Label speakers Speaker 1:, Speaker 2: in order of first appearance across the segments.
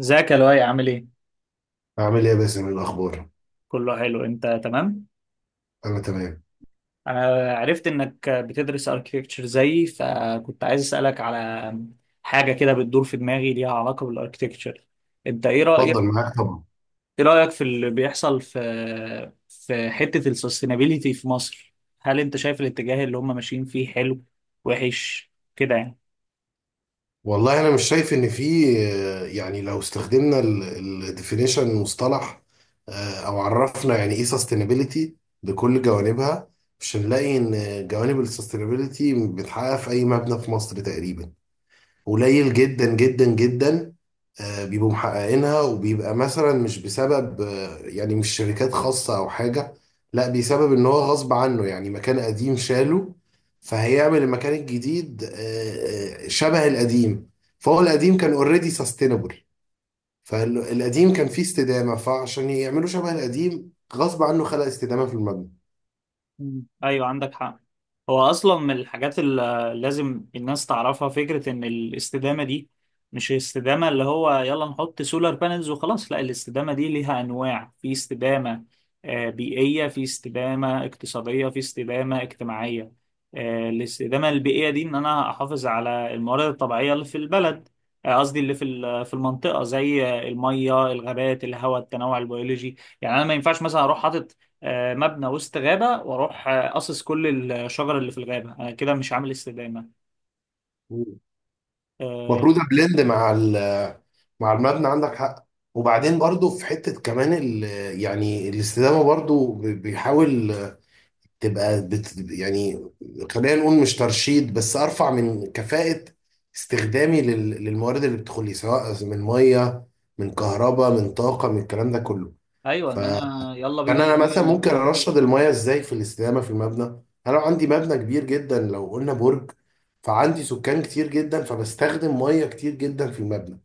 Speaker 1: ازيك يا لؤي، عامل ايه؟
Speaker 2: أعمل إيه يا باسم؟ إيه الأخبار؟
Speaker 1: كله حلو، انت تمام؟
Speaker 2: أنا تمام.
Speaker 1: انا عرفت انك بتدرس اركتكتشر زيي، فكنت عايز اسالك على حاجه كده بتدور في دماغي ليها علاقه بالاركتكتشر. انت ايه
Speaker 2: اتفضل
Speaker 1: رايك؟
Speaker 2: معاك طبعا.
Speaker 1: ايه رايك في اللي بيحصل في حته السستينابيليتي في مصر؟ هل انت شايف الاتجاه اللي هم ماشيين فيه حلو وحش كده يعني؟
Speaker 2: والله أنا مش شايف إن في، يعني لو استخدمنا الديفينيشن مصطلح، أو عرفنا يعني إيه سستينابيلتي بكل جوانبها، مش هنلاقي إن جوانب السستينابيلتي بتتحقق في أي مبنى في مصر تقريبا. قليل جدا جدا جدا، بيبقوا محققينها، وبيبقى مثلا مش بسبب يعني مش شركات خاصة أو حاجة، لا بسبب إن هو غصب عنه، يعني مكان قديم شاله فهيعمل المكان الجديد شبه القديم، فهو القديم كان اوريدي سستينبل، فالقديم كان فيه استدامة، فعشان يعملوا شبه القديم غصب عنه خلق استدامة في المبنى.
Speaker 1: مم، ايوه عندك حق. هو اصلا من الحاجات اللي لازم الناس تعرفها فكره ان الاستدامه دي مش الاستدامه اللي هو يلا نحط سولار بانلز وخلاص. لا، الاستدامه دي ليها انواع: في استدامه بيئيه، في استدامه اقتصاديه، في استدامه اجتماعيه. الاستدامه البيئيه دي ان انا احافظ على الموارد الطبيعيه اللي في البلد، قصدي اللي في في المنطقه، زي الميه، الغابات، الهواء، التنوع البيولوجي. يعني انا ما ينفعش مثلا اروح حاطط مبنى وسط غابة واروح قاصص كل الشجر اللي في الغابة. انا كده مش عامل استدامة.
Speaker 2: مم. المفروض أبلند مع المبنى، عندك حق. وبعدين برضو في حتة كمان ال، يعني الاستدامة برضو بيحاول تبقى بت، يعني خلينا نقول مش ترشيد، بس أرفع من كفاءة استخدامي للموارد اللي بتدخل لي سواء من مية، من كهرباء، من طاقة، من الكلام ده كله.
Speaker 1: ايوه، ان
Speaker 2: فكان
Speaker 1: انا يلا بينا
Speaker 2: أنا
Speaker 1: المية
Speaker 2: مثلا ممكن
Speaker 1: اللي.
Speaker 2: أرشد المية إزاي في الاستدامة في المبنى. أنا لو عندي مبنى كبير جدا، لو قلنا برج، فعندي سكان كتير جدا، فبستخدم مية كتير جدا في المبنى.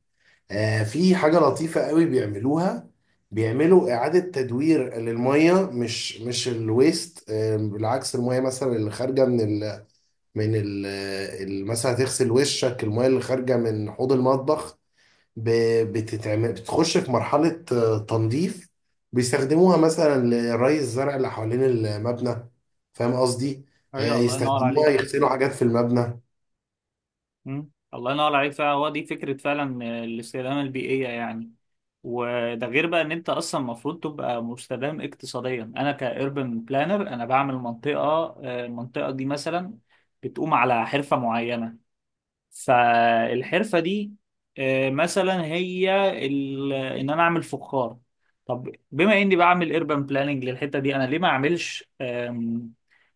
Speaker 2: في حاجة لطيفة قوي بيعملوها، بيعملوا إعادة تدوير للمية، مش الويست، بالعكس، المية مثلا اللي خارجة من ال من ال آه، ال- مثلا هتغسل وشك، المية اللي خارجة من حوض المطبخ ب- بتتعمل، بتخش في مرحلة تنظيف، بيستخدموها مثلا لري الزرع اللي حوالين المبنى. فاهم قصدي؟
Speaker 1: ايوه، الله ينور
Speaker 2: يستخدموها
Speaker 1: عليك.
Speaker 2: يغسلوا حاجات في المبنى.
Speaker 1: مم، الله ينور عليك فعلا. هو دي فكرة فعلا، الاستدامة البيئية يعني. وده غير بقى ان انت اصلا المفروض تبقى مستدام اقتصاديا. انا كاربن بلانر، انا بعمل منطقة، المنطقة دي مثلا بتقوم على حرفة معينة. فالحرفة دي مثلا هي ان انا اعمل فخار. طب بما اني بعمل urban planning للحتة دي، انا ليه ما اعملش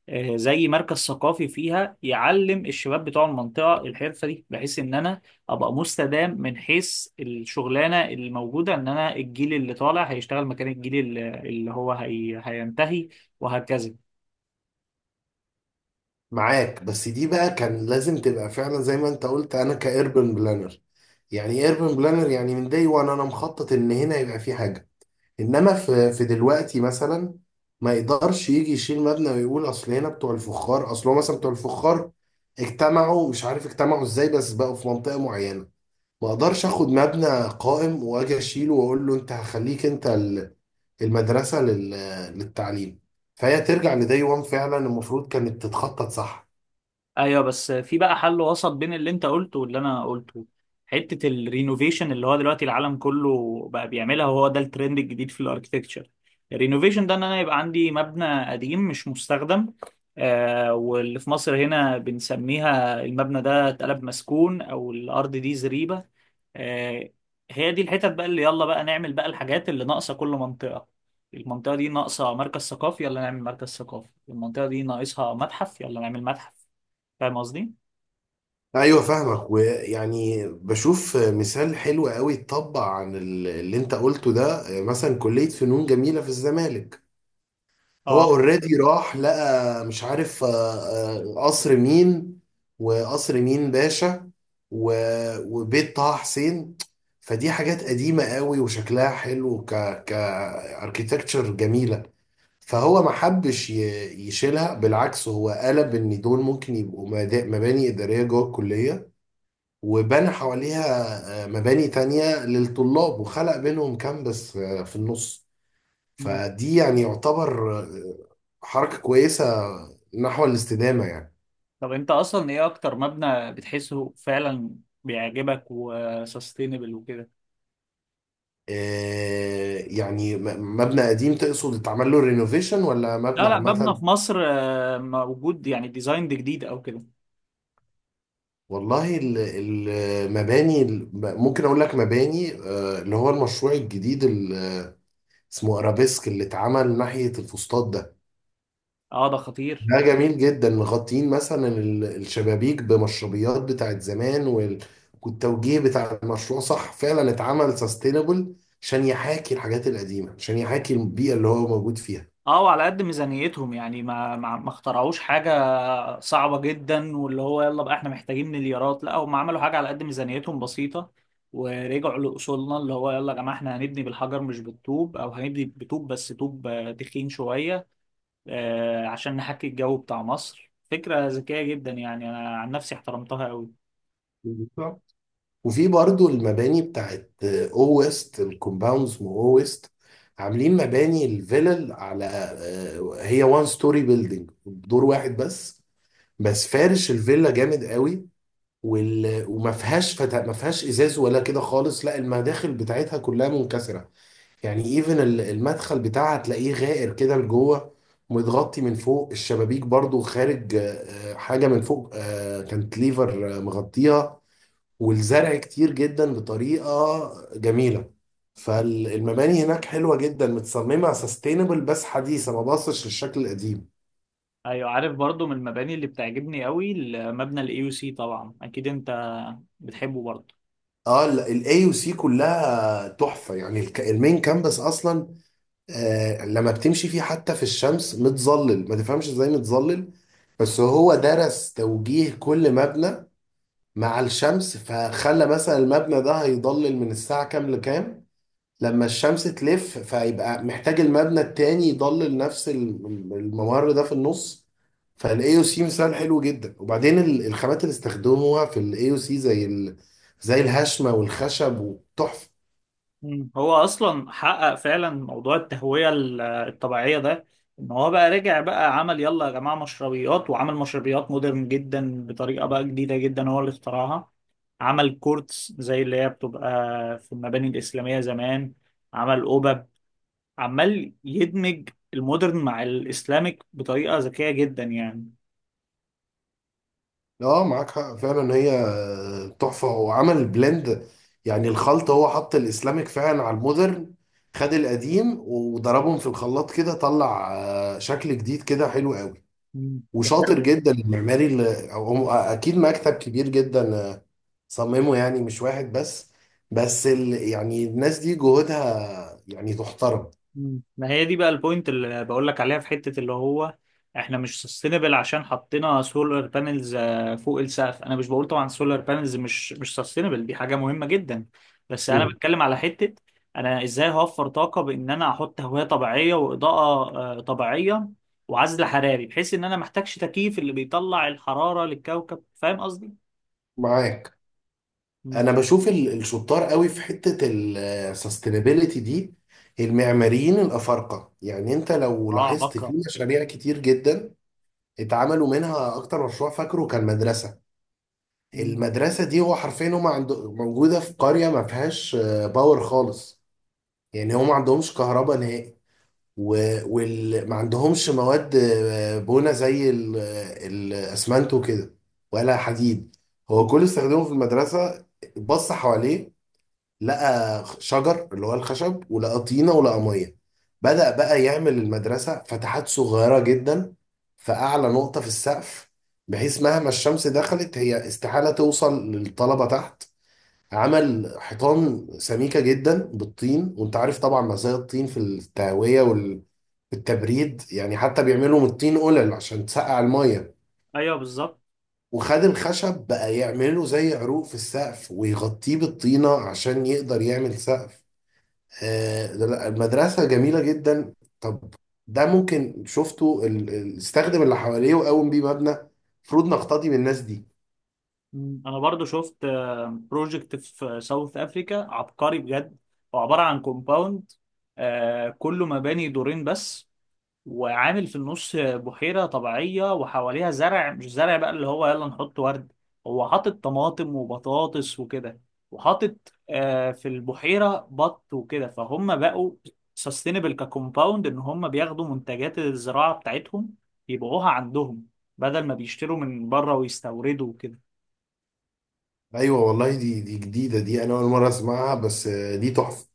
Speaker 1: زي مركز ثقافي فيها يعلم الشباب بتوع المنطقة الحرفة دي، بحيث ان انا ابقى مستدام من حيث الشغلانة اللي موجودة. ان انا الجيل اللي طالع هيشتغل مكان الجيل اللي هينتهي، وهكذا.
Speaker 2: معاك، بس دي بقى كان لازم تبقى فعلا زي ما انت قلت، انا كايربن بلانر. يعني ايه ايربن بلانر؟ يعني من داي وان انا مخطط ان هنا يبقى في حاجه. انما في دلوقتي مثلا، ما يقدرش يجي يشيل مبنى ويقول اصل هنا بتوع الفخار، اصل هو مثلا بتوع الفخار اجتمعوا، مش عارف اجتمعوا ازاي، بس بقوا في منطقه معينه. ما اقدرش اخد مبنى قائم واجي اشيله واقول له انت هخليك انت المدرسه للتعليم. فهي ترجع لداي وان، فعلا المفروض كانت تتخطط صح.
Speaker 1: ايوه، بس في بقى حل وسط بين اللي انت قلته واللي انا قلته: حته الرينوفيشن اللي هو دلوقتي العالم كله بقى بيعملها، وهو ده الترند الجديد في الاركتكتشر. الرينوفيشن ده ان انا يبقى عندي مبنى قديم مش مستخدم، واللي في مصر هنا بنسميها المبنى ده اتقلب مسكون او الارض دي زريبه. آه هي دي الحتت بقى اللي يلا بقى نعمل بقى الحاجات اللي ناقصه. كل منطقه، المنطقه دي ناقصه مركز ثقافي، يلا نعمل مركز ثقافي. المنطقه دي ناقصها متحف، يلا نعمل متحف. فاهم قصدي؟
Speaker 2: ايوه فاهمك، ويعني بشوف مثال حلو قوي اتطبق عن اللي انت قلته ده، مثلا كلية فنون جميلة في الزمالك. هو
Speaker 1: اه.
Speaker 2: اوريدي راح لقى مش عارف، قصر مين وقصر مين باشا وبيت طه حسين. فدي حاجات قديمة قوي، وشكلها حلو، كاركتكتشر جميلة. فهو ما حبش يشيلها، بالعكس هو قلب ان دول ممكن يبقوا مباني إدارية جوه الكلية، وبنى حواليها مباني تانية للطلاب، وخلق بينهم كامبس في النص.
Speaker 1: مم.
Speaker 2: فدي يعني يعتبر حركة كويسة نحو الاستدامة يعني.
Speaker 1: طب انت اصلا ايه اكتر مبنى بتحسه فعلا بيعجبك وسستينبل وكده؟
Speaker 2: إيه يعني مبنى قديم تقصد اتعمل له رينوفيشن، ولا مبنى
Speaker 1: لا لا، مبنى
Speaker 2: عامة؟
Speaker 1: في مصر موجود، يعني ديزاين ده جديد او كده.
Speaker 2: والله المباني ممكن اقول لك مباني اللي هو المشروع الجديد اللي اسمه ارابيسك، اللي اتعمل ناحية الفسطاط ده.
Speaker 1: اه، ده خطير.
Speaker 2: ده جميل جدا، مغطين مثلا الشبابيك بمشربيات بتاعت زمان، والتوجيه بتاع المشروع صح، فعلا اتعمل سستينبل عشان يحاكي الحاجات القديمة، عشان يحاكي البيئة اللي هو موجود فيها.
Speaker 1: اه، وعلى قد ميزانيتهم يعني ما اخترعوش حاجة صعبة جدا واللي هو يلا بقى احنا محتاجين مليارات. لا، هم عملوا حاجة على قد ميزانيتهم بسيطة، ورجعوا لأصولنا. اللي هو يلا يا جماعة احنا هنبني بالحجر مش بالطوب، او هنبني بطوب بس طوب تخين شوية، عشان نحكي الجو بتاع مصر. فكرة ذكية جدا يعني، أنا عن نفسي احترمتها أوي.
Speaker 2: بالظبط. وفي برضو المباني بتاعت او ويست الكومباوندز، مو او ويست، عاملين مباني الفيلل على هي وان ستوري بيلدينج، دور واحد بس، بس فارش الفيلا جامد قوي. وما فيهاش فتا... ما فيهاش ازاز ولا كده خالص، لا المداخل بتاعتها كلها منكسره، يعني ايفن المدخل بتاعها تلاقيه غائر كده لجوه، متغطي من فوق، الشبابيك برضو خارج حاجه من فوق، كانت ليفر مغطيها، والزرع كتير جدا بطريقه جميله. فالمباني هناك حلوه جدا، متصممه سستينبل بس حديثه ما باصش للشكل القديم.
Speaker 1: أيوة، عارف. برضو من المباني اللي بتعجبني أوي المبنى ال AUC، طبعا أكيد أنت بتحبه برضو.
Speaker 2: اه، الاي يو سي كلها تحفه، يعني المين كامبس اصلا. لما بتمشي فيه حتى في الشمس متظلل، ما تفهمش ازاي متظلل، بس هو درس توجيه كل مبنى مع الشمس، فخلى مثلا المبنى ده هيضلل من الساعة كام لكام، لما الشمس تلف فيبقى محتاج المبنى التاني يضلل نفس الممر ده في النص. فالاي او سي مثال حلو جدا، وبعدين الخامات اللي استخدموها في الاي او سي زي زي الهشمة والخشب، وتحفة.
Speaker 1: هو أصلا حقق فعلا موضوع التهوية الطبيعية ده، إن هو بقى رجع بقى عمل يلا يا جماعة مشربيات، وعمل مشربيات مودرن جدا بطريقة بقى جديدة جدا هو اللي اخترعها. عمل كورتس زي اللي هي بتبقى في المباني الإسلامية زمان. عمل قبب. عمال يدمج المودرن مع الاسلاميك بطريقه ذكيه جدا يعني.
Speaker 2: اه معاك حق فعلا، هي تحفة. هو عمل بلند، يعني الخلط، هو حط الاسلامك فعلا على المودرن. خد القديم وضربهم في الخلاط، كده طلع شكل جديد كده حلو قوي.
Speaker 1: ده غير.
Speaker 2: وشاطر جدا المعماري، اللي هو اكيد مكتب كبير جدا صممه، يعني مش واحد بس، بس يعني الناس دي جهودها يعني تحترم.
Speaker 1: ما هي دي بقى البوينت اللي بقول لك عليها في حته اللي هو احنا مش سستينبل عشان حطينا سولار بانلز فوق السقف. انا مش بقول طبعا سولار بانلز مش سستينبل، دي حاجه مهمه جدا، بس انا
Speaker 2: مم.
Speaker 1: بتكلم على حته انا ازاي هوفر طاقه بان انا احط هوايه طبيعيه واضاءه طبيعيه، وعزل حراري بحيث ان انا محتاجش تكييف اللي بيطلع الحراره للكوكب. فاهم قصدي؟
Speaker 2: معاك، انا بشوف الشطار قوي في حتة السستينابيليتي دي المعماريين الافارقة، يعني انت لو
Speaker 1: اه،
Speaker 2: لاحظت في
Speaker 1: بكره.
Speaker 2: مشاريع كتير جدا اتعملوا منها، اكتر مشروع فاكره كان مدرسة.
Speaker 1: مم،
Speaker 2: المدرسة دي هو حرفيا هم عند موجودة في قرية ما فيهاش باور خالص، يعني هم ما عندهمش كهرباء نهائي، وما عندهمش مواد بنا زي الاسمنت وكده، ولا حديد. هو كل استخدامه في المدرسة، بص حواليه، لقى شجر اللي هو الخشب، ولقى طينة، ولقى مية. بدأ بقى يعمل المدرسة فتحات صغيرة جدا في أعلى نقطة في السقف، بحيث مهما الشمس دخلت هي استحالة توصل للطلبة تحت. عمل حيطان سميكة جدا بالطين، وانت عارف طبعا مزايا الطين في التهوية والتبريد، يعني حتى بيعملوا من الطين قلل عشان تسقع المية.
Speaker 1: ايوه بالظبط.
Speaker 2: وخد الخشب بقى يعمله زي عروق في السقف ويغطيه بالطينة عشان يقدر يعمل سقف. لا، المدرسة جميلة جدا. طب، ده ممكن شفته استخدم اللي حواليه وقوم بيه مبنى. المفروض نقتدي بالناس دي.
Speaker 1: انا برضو شفت بروجكت في ساوث افريكا عبقري بجد. هو عباره عن كومباوند كله مباني دورين بس، وعامل في النص بحيرة طبيعية وحواليها زرع. مش زرع بقى اللي هو يلا نحط ورد، هو حاطط طماطم وبطاطس وكده، وحاطط في البحيرة بط وكده. فهم بقوا سستينبل ككومباوند، ان هم بياخدوا منتجات الزراعة بتاعتهم يبيعوها عندهم بدل ما بيشتروا من بره ويستوردوا وكده.
Speaker 2: ايوه والله، دي جديدة، دي انا اول مرة اسمعها، بس دي تحفة.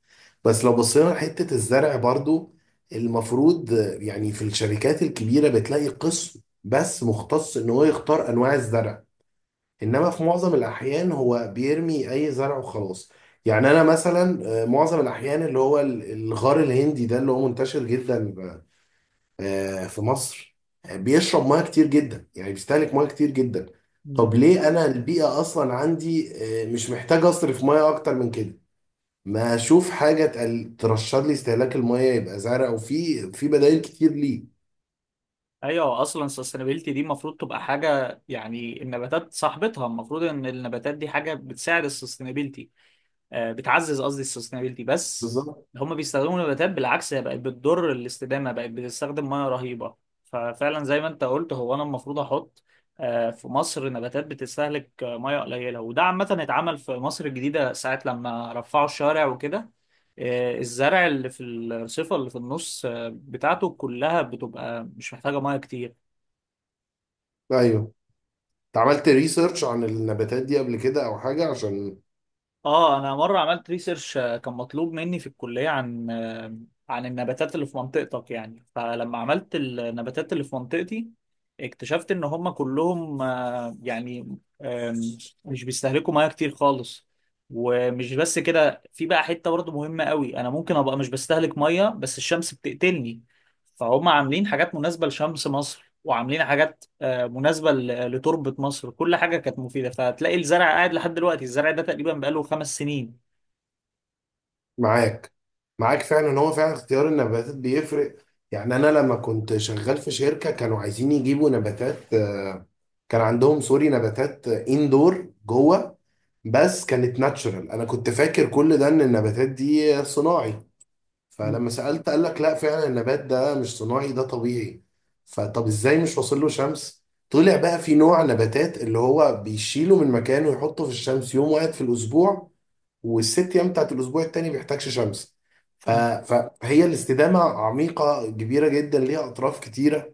Speaker 2: بس لو بصينا لحتة الزرع برضو، المفروض يعني في الشركات الكبيرة بتلاقي قسم بس مختص ان هو يختار انواع الزرع، انما في معظم الاحيان هو بيرمي اي زرع وخلاص. يعني انا مثلا معظم الاحيان اللي هو الغار الهندي ده اللي هو منتشر جدا في مصر، بيشرب ميه كتير جدا يعني بيستهلك ميه كتير جدا.
Speaker 1: مم،
Speaker 2: طب ليه انا البيئه اصلا عندي، مش محتاج اصرف ميه اكتر من كده، ما اشوف حاجه ترشد لي استهلاك الميه، يبقى زرع، وفي في بدائل كتير ليه.
Speaker 1: ايوه. اصلا sustainability دي المفروض تبقى حاجه، يعني النباتات صاحبتها، المفروض ان النباتات دي حاجه بتساعد ال sustainability، بتعزز قصدي السستينابيلتي. بس
Speaker 2: بالظبط.
Speaker 1: هم بيستخدموا نباتات بالعكس، هي بقت بتضر الاستدامه، بقت بتستخدم ميه رهيبه. ففعلا زي ما انت قلت، هو انا المفروض احط في مصر نباتات بتستهلك ميه قليله. وده عامه اتعمل في مصر الجديده ساعه لما رفعوا الشارع وكده، الزرع اللي في الرصيفه اللي في النص بتاعته كلها بتبقى مش محتاجه ميه كتير.
Speaker 2: ايوه، انت عملت ريسيرش عن النباتات دي قبل كده او حاجه عشان؟
Speaker 1: اه، انا مره عملت ريسيرش، كان مطلوب مني في الكليه عن عن النباتات اللي في منطقتك يعني، فلما عملت النباتات اللي في منطقتي اكتشفت ان هم كلهم يعني مش بيستهلكوا ميه كتير خالص. ومش بس كده، في بقى حته برضه مهمه قوي: انا ممكن ابقى مش بستهلك ميه بس الشمس بتقتلني. فهم عاملين حاجات مناسبه لشمس مصر، وعاملين حاجات مناسبة لتربة مصر. كل حاجة كانت مفيدة، فتلاقي الزرع قاعد لحد دلوقتي. الزرع ده تقريبا بقاله 5 سنين.
Speaker 2: معاك معاك فعلا إن هو فعلا اختيار النباتات بيفرق. يعني انا لما كنت شغال في شركه كانوا عايزين يجيبوا نباتات كان عندهم سوري نباتات اندور جوه، بس كانت ناتشورال، انا كنت فاكر كل ده ان النباتات دي صناعي.
Speaker 1: مم.
Speaker 2: فلما سالت قال لك لا، فعلا النبات ده مش صناعي ده طبيعي. فطب ازاي مش واصل له شمس؟ طلع بقى في نوع نباتات اللي هو بيشيله من مكانه ويحطه في الشمس يوم واحد في الاسبوع، والست ايام بتاعت الاسبوع التاني بيحتاجش شمس. ف-
Speaker 1: مم،
Speaker 2: فهي الاستدامة عميقة كبيرة جدا، ليها أطراف كتيرة.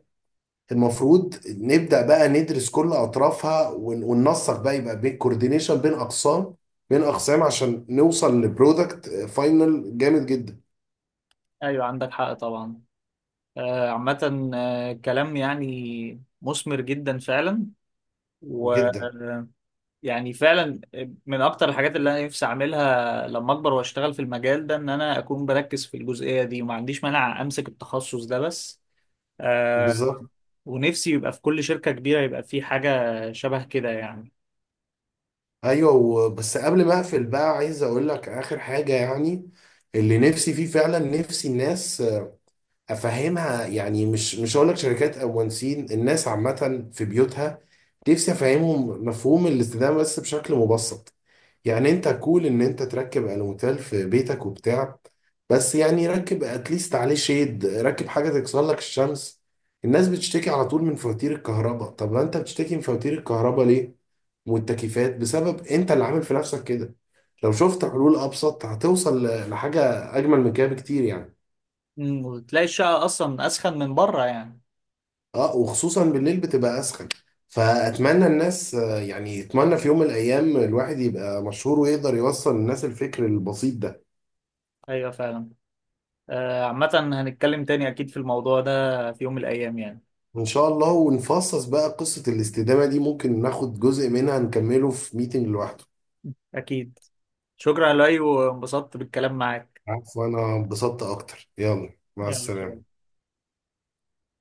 Speaker 2: المفروض نبدأ بقى ندرس كل أطرافها وننسق بقى يبقى بين كوردينيشن بين أقسام عشان نوصل لبرودكت فاينل جامد جدا.
Speaker 1: أيوة عندك حق طبعا. عامة، كلام يعني مثمر جدا فعلا،
Speaker 2: جدا.
Speaker 1: ويعني فعلا من أكتر الحاجات اللي أنا نفسي أعملها لما أكبر وأشتغل في المجال ده إن أنا أكون بركز في الجزئية دي، وما عنديش مانع أمسك التخصص ده بس. آه،
Speaker 2: بالظبط.
Speaker 1: ونفسي يبقى في كل شركة كبيرة يبقى في حاجة شبه كده يعني.
Speaker 2: أيوه بس قبل ما أقفل بقى، عايز أقول لك آخر حاجة يعني، اللي نفسي فيه فعلا، نفسي الناس افهمها، يعني مش هقول لك شركات او مهندسين، الناس عامه في بيوتها نفسي افهمهم مفهوم الاستدامه بس بشكل مبسط. يعني انت كول ان انت تركب الموتيل في بيتك وبتاع، بس يعني ركب اتليست عليه شيد، ركب حاجه تكسر لك الشمس. الناس بتشتكي على طول من فواتير الكهرباء، طب ما انت بتشتكي من فواتير الكهرباء ليه والتكييفات؟ بسبب انت اللي عامل في نفسك كده. لو شفت حلول ابسط هتوصل لحاجه اجمل من كده بكتير يعني.
Speaker 1: وتلاقي الشقة أصلا أسخن من بره يعني.
Speaker 2: اه، وخصوصا بالليل بتبقى اسخن. فاتمنى الناس يعني يتمنى في يوم من الايام الواحد يبقى مشهور ويقدر يوصل للناس الفكر البسيط ده.
Speaker 1: أيوة فعلا. عامة هنتكلم تاني أكيد في الموضوع ده في يوم من الأيام يعني.
Speaker 2: ان شاء الله، ونفصص بقى قصة الاستدامة دي، ممكن ناخد جزء منها نكمله في ميتنج لوحده.
Speaker 1: أكيد. شكرا يا لؤي، وانبسطت بالكلام معاك.
Speaker 2: عفوا، انا انبسطت اكتر، يلا مع
Speaker 1: يلا سلام.
Speaker 2: السلامة.